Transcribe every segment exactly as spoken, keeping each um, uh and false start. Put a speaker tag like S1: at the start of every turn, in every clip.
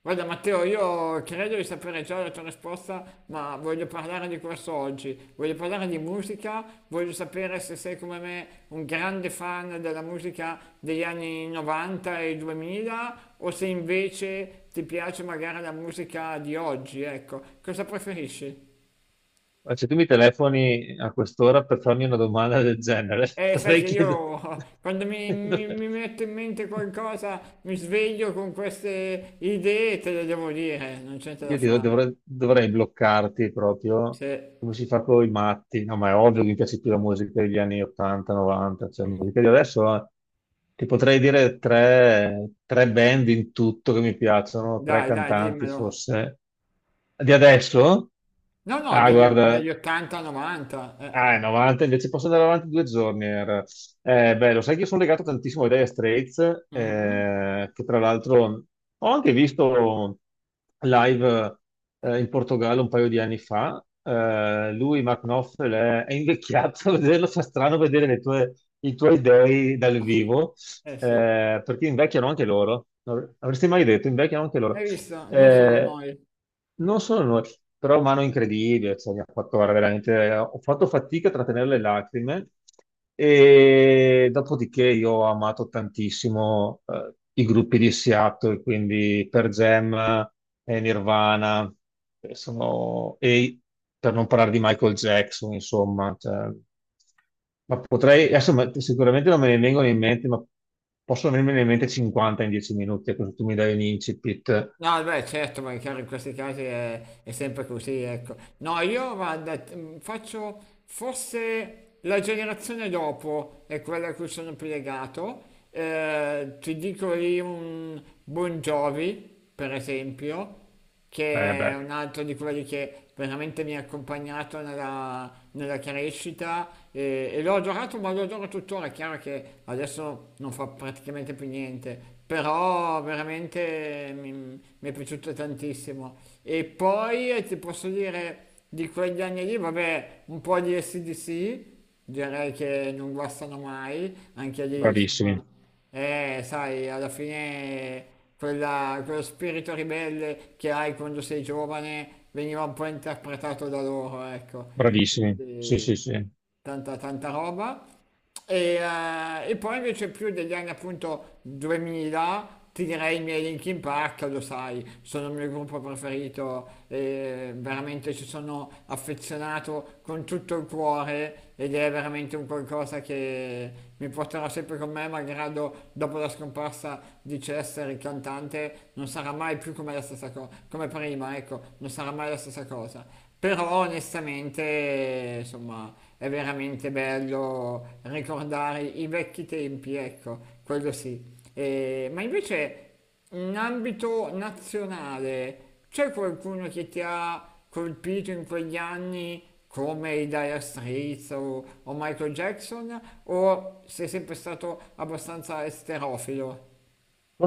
S1: Guarda Matteo, io credo di sapere già la tua risposta, ma voglio parlare di questo oggi. Voglio parlare di musica, voglio sapere se sei come me un grande fan della musica degli anni novanta e duemila o se invece ti piace magari la musica di oggi, ecco. Cosa preferisci?
S2: Ma se tu mi telefoni a quest'ora per farmi una domanda del genere,
S1: Eh, sai
S2: dovrei
S1: che
S2: chiedere...
S1: io quando mi, mi, mi metto in mente qualcosa mi sveglio con queste idee, te le devo dire, non c'è niente da
S2: Io ti dov-
S1: fare.
S2: dovrei, dovrei bloccarti proprio
S1: Se...
S2: come si fa con i matti. No, ma è ovvio che mi piace più la musica degli anni ottanta, novanta, cioè la musica di adesso eh, ti potrei dire tre, tre band in tutto che mi piacciono, tre
S1: Dai, dai,
S2: cantanti
S1: dimmelo.
S2: forse. Di adesso?
S1: No, no,
S2: Ah,
S1: degli, o-
S2: guarda.
S1: degli ottanta, novanta. Eh.
S2: Ah, è novanta, invece posso andare avanti due giorni. Era. Eh, beh, lo sai che io sono legato tantissimo ai Dire Straits,
S1: Mhm.
S2: eh, che tra l'altro ho anche visto live eh, in Portogallo un paio di anni fa. Eh, lui, Mark Knopfler, è, è invecchiato. Vederlo fa strano, vedere le tue- i tuoi dei dal vivo,
S1: Eh sì,
S2: eh, perché invecchiano anche loro. Non avresti mai detto, invecchiano anche loro.
S1: hai visto? Non solo
S2: Eh,
S1: noi.
S2: non solo noi, però mano incredibile, cioè, mi ha fatto guarda, veramente, ho fatto fatica a trattenere le lacrime, e dopodiché io ho amato tantissimo eh, i gruppi di Seattle, quindi per Jam e Nirvana, che sono- e per non parlare di Michael Jackson, insomma, cioè, ma potrei, adesso ma- sicuramente non me ne vengono in mente, ma possono venirmene in mente cinquanta in dieci minuti, così tu mi dai un incipit.
S1: No, beh, certo, ma è chiaro, in questi casi è, è sempre così, ecco. No, io guarda, t- mh, faccio forse la generazione dopo è quella a cui sono più legato. Eh, ti dico lì un Bon Jovi, per esempio,
S2: Eh
S1: che è
S2: beh,
S1: un altro di quelli che veramente mi ha accompagnato nella, nella crescita e, e l'ho adorato, ma lo adoro tuttora. È chiaro che adesso non fa praticamente più niente, però veramente mi, mi è piaciuto tantissimo. E poi eh, ti posso dire di quegli anni lì, vabbè, un po' di S D C direi che non guastano mai, anche lì
S2: bravissimi,
S1: insomma. Eh, sai, alla fine quella- quello spirito ribelle che hai quando sei giovane veniva un po' interpretato da loro, ecco. E
S2: bravissimi. Sì,
S1: quindi
S2: sì, sì. No,
S1: tanta, tanta roba. E, eh, e poi invece più degli anni appunto duemila ti direi i miei Linkin Park, lo sai, sono il mio gruppo preferito e veramente ci sono affezionato con tutto il cuore ed è veramente un qualcosa che mi porterò sempre con me, malgrado dopo la scomparsa di Chester, il cantante, non sarà mai più come la stessa cosa, come prima, ecco, non sarà mai la stessa cosa. Però onestamente, insomma, è veramente bello ricordare i vecchi tempi, ecco, quello sì. E- ma invece in ambito nazionale c'è qualcuno che ti ha colpito in quegli anni come i Dire Straits o, o Michael Jackson? O sei sempre stato abbastanza esterofilo?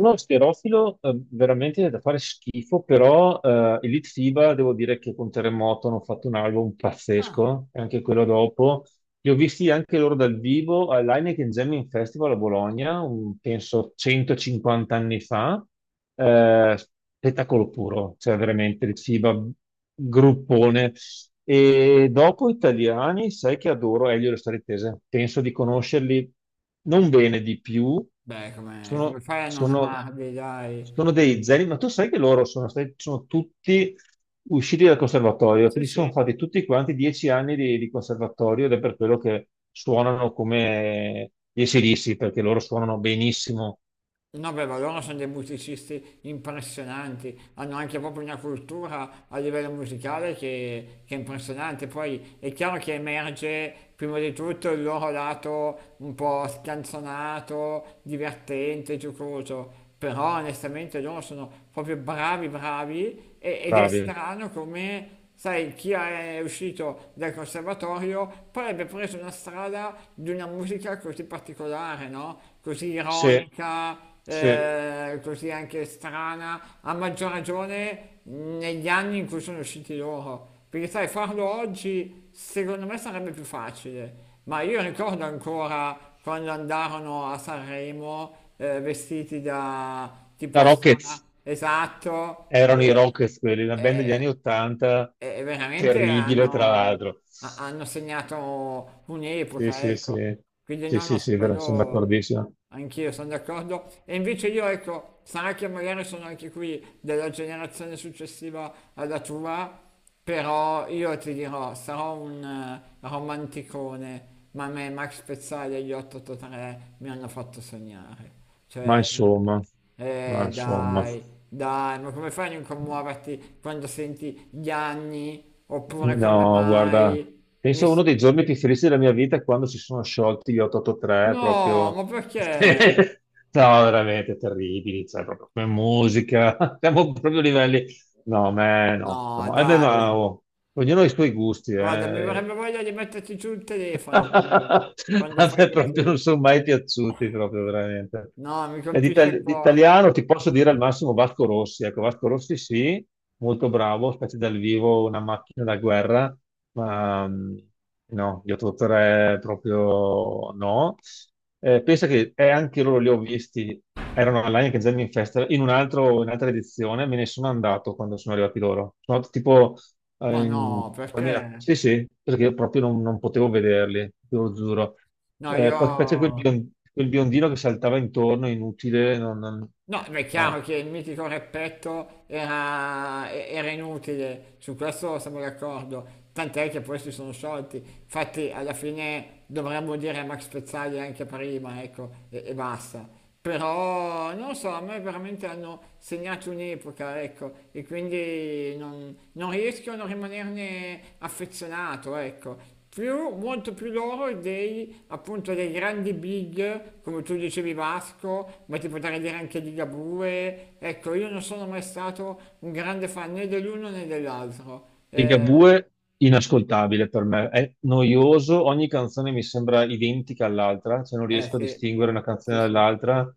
S2: no, Schierofilo eh, veramente è da fare schifo, però eh, Elite FIBA devo dire che con Terremoto hanno fatto un album
S1: Ah,
S2: pazzesco, e anche quello dopo. Li ho visti anche loro dal vivo all'Heineken Jamming Festival a Bologna, un- penso centocinquanta anni fa. Eh, spettacolo puro, cioè veramente Elite FIBA, gruppone. E dopo italiani, sai che adoro Elio e le storie tese. Penso di conoscerli non bene di più.
S1: beh, come, come
S2: Sono,
S1: fai a non
S2: sono-
S1: amarli, dai?
S2: sono dei zeri, ma tu sai che loro sono stati, sono tutti usciti dal conservatorio,
S1: Sì,
S2: quindi sono
S1: sì.
S2: fatti tutti quanti dieci anni di, di conservatorio ed è per quello che suonano come gli ac, perché loro suonano benissimo,
S1: No, beh, ma loro sono dei musicisti impressionanti, hanno anche proprio una cultura a livello musicale che, che è impressionante. Poi è chiaro che emerge prima di tutto il loro lato un po' scanzonato, divertente, giocoso, però onestamente loro sono proprio bravi, bravi e- ed è
S2: bravi.
S1: strano come... Sai, chi è uscito dal conservatorio poi abbia preso una strada di una musica così particolare, no? Così, sì,
S2: Se,
S1: ironica,
S2: se,
S1: eh, così anche strana, a maggior ragione negli anni in cui sono usciti loro. Perché sai, farlo oggi secondo me sarebbe più facile, ma io ricordo ancora quando andarono a Sanremo eh, vestiti da
S2: da
S1: tipo strana,
S2: Rockets.
S1: esatto,
S2: Erano i
S1: e,
S2: Rockets quelli, una band degli
S1: e-
S2: anni Ottanta,
S1: e e veramente
S2: terribile tra
S1: hanno,
S2: l'altro.
S1: ha- hanno segnato
S2: Sì,
S1: un'epoca,
S2: sì, sì,
S1: ecco. Quindi
S2: sì,
S1: no, no,
S2: sì,
S1: su
S2: sì, vero, sono
S1: quello
S2: d'accordissimo.
S1: anch'io sono d'accordo. E invece io, ecco, sarà che magari sono anche qui della generazione successiva alla tua, però io ti dirò, sarò un eh, romanticone, ma a me Max Pezzali e gli otto otto tre mi hanno fatto sognare.
S2: Ma
S1: Cioè,
S2: insomma, ma
S1: eh
S2: insomma,
S1: dai, dai, ma come fai a non commuoverti quando senti gli anni? Oppure come
S2: no, guarda,
S1: mai?
S2: penso uno dei
S1: Nessuno.
S2: giorni più felici della mia vita è quando si sono sciolti gli otto otto tre,
S1: No,
S2: proprio...
S1: ma perché?
S2: No, veramente terribili, cioè, proprio come musica, siamo proprio a livelli... No, me no,
S1: No,
S2: no, eh beh,
S1: dai.
S2: ma, oh, ognuno ha i suoi gusti,
S1: Guarda, mi
S2: eh.
S1: verrebbe voglia di metterti giù il telefono quando, quando
S2: A
S1: fai
S2: me proprio
S1: così.
S2: non sono mai piaciuti, proprio veramente.
S1: No, mi
S2: E di
S1: colpisce il
S2: itali- di
S1: cuore.
S2: italiano ti posso dire al massimo Vasco Rossi. Ecco, Vasco Rossi sì, molto bravo, specie dal vivo, una macchina da guerra, ma mm, no, gli otto otto tre proprio no. Eh, pensa che eh, anche loro li ho visti, erano all'Heineken Jamming Festival, in un altro- in un'altra edizione me ne sono andato quando sono arrivati loro. Sono andato tipo
S1: Ma
S2: eh,
S1: no,
S2: poi mi era-
S1: perché?
S2: sì, sì, perché io proprio non, non potevo vederli, te lo giuro.
S1: No,
S2: Eh,
S1: io.
S2: poi c'è quel, bion- quel biondino che saltava intorno, inutile, non, non-
S1: No, ma è chiaro
S2: no,
S1: che il mitico Repetto era, e- era inutile, su questo siamo d'accordo, tant'è che poi si sono sciolti, infatti alla fine dovremmo dire a Max Pezzali anche prima, ecco, e, e basta. Però non lo so, a me veramente hanno segnato un'epoca, ecco, e quindi non, non riesco a non rimanerne affezionato, ecco. Più, molto più loro dei, appunto, dei grandi big, come tu dicevi Vasco, ma ti potrei dire anche di Ligabue. Ecco, io non sono mai stato un grande fan né dell'uno né dell'altro. Eh,
S2: Ligabue inascoltabile per me, è noioso, ogni canzone mi sembra identica all'altra, cioè non
S1: eh
S2: riesco a
S1: sì,
S2: distinguere una canzone
S1: sì, sì,
S2: dall'altra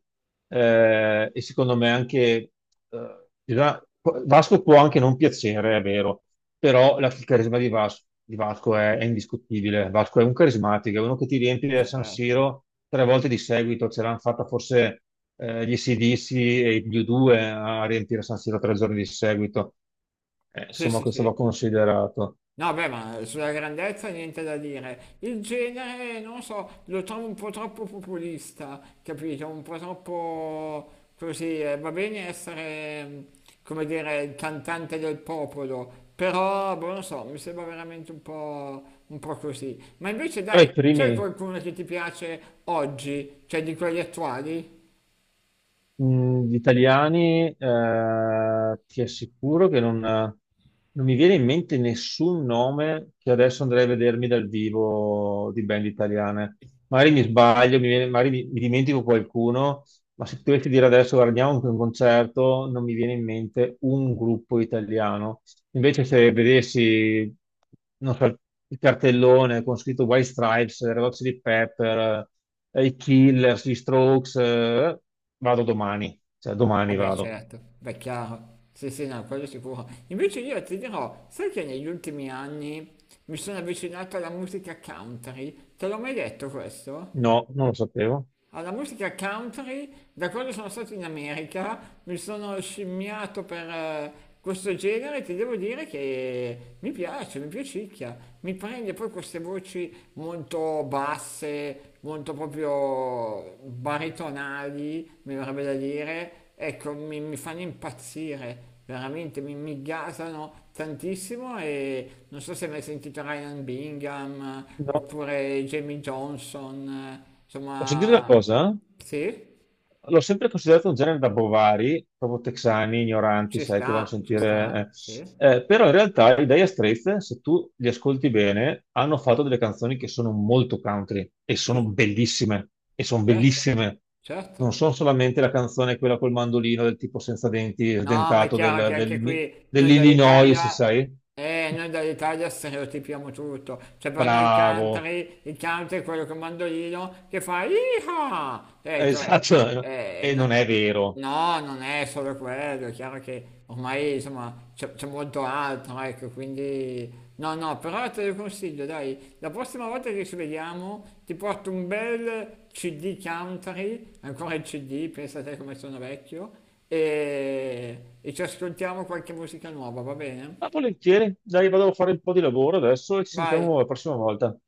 S2: eh, e secondo me anche eh, in realtà, Vasco può anche non piacere, è vero, però la- il carisma di Vas- di Vasco, è, è indiscutibile. Vasco è un carismatico, è uno che ti riempie a San
S1: certo.
S2: Siro tre volte di seguito, ce l'hanno fatta forse eh, gli ac e gli U due a riempire San Siro tre giorni di seguito. Eh,
S1: Sì,
S2: insomma,
S1: sì,
S2: questo va
S1: sì.
S2: considerato.
S1: No, beh, ma sulla grandezza niente da dire. Il genere, non so, lo trovo un po' troppo populista, capito? Un po' troppo così. eh, Va bene essere, mm, come dire, il cantante del popolo, però, boh, non so, mi sembra veramente un po', un po' così. Ma invece,
S2: Però
S1: dai,
S2: i primi
S1: c'è qualcuno che ti piace oggi, cioè di quelli attuali?
S2: mh, gli italiani, eh, ti assicuro che non, non mi viene in mente nessun nome che adesso andrei a vedermi dal vivo di band italiane. Magari mi sbaglio, mi viene- magari mi, mi dimentico qualcuno, ma se dovessi dire adesso guardiamo anche un concerto, non mi viene in mente un gruppo italiano. Invece se vedessi, non so, il cartellone con scritto White Stripes, Red Hot Chili Pepper, eh, i Killers, gli Strokes, eh, vado domani, cioè domani
S1: Vabbè,
S2: vado.
S1: certo, beh, chiaro. Sì, sì, no, quello sicuro. Invece io ti dirò, sai che negli ultimi anni mi sono avvicinato alla musica country? Te l'ho mai detto questo?
S2: No, non lo sapevo.
S1: Alla musica country, da quando sono stato in America, mi sono scimmiato per eh, questo genere e ti devo dire che mi piace, mi piacicchia. Mi prende poi queste voci molto basse, molto proprio baritonali, mi verrebbe da dire. Ecco, mi, mi fanno impazzire, veramente, mi, mi gasano tantissimo e non so se hai mai sentito Ryan Bingham eh,
S2: No.
S1: oppure Jamie Johnson. eh,
S2: Posso dire una
S1: Insomma,
S2: cosa?
S1: sì,
S2: L'ho sempre considerato un genere da bovari, proprio texani, ignoranti,
S1: ci
S2: sai, che vanno a
S1: sta, ci sta,
S2: sentire... eh.
S1: sì,
S2: Eh, però in realtà i Dire Straits, se tu li ascolti bene, hanno fatto delle canzoni che sono molto country e sono
S1: ci-
S2: bellissime, e sono
S1: certo,
S2: bellissime. Non
S1: certo.
S2: sono solamente la canzone quella col mandolino del tipo senza denti,
S1: No, ma è
S2: sdentato
S1: chiaro
S2: del-
S1: che
S2: del-
S1: anche qui noi
S2: dell'Illinois,
S1: dall'Italia,
S2: sai?
S1: eh, noi dall'Italia stereotipiamo tutto. Cioè per noi il
S2: Bravo,
S1: country, il country è quello con mandolino che fa Iha! Ecco, eh,
S2: esatto,
S1: cioè, eh,
S2: e non è
S1: non-
S2: vero.
S1: no, non è solo quello, è chiaro che ormai insomma c'è c'è molto altro, ecco, quindi... No, no, però te lo consiglio, dai, la prossima volta che ci vediamo ti porto un bel C D country, ancora il C D, pensate come sono vecchio, e, e ci ascoltiamo qualche musica nuova, va
S2: Ma
S1: bene?
S2: volentieri, dai, vado a fare un po' di lavoro adesso e ci
S1: Vai,
S2: sentiamo la prossima volta.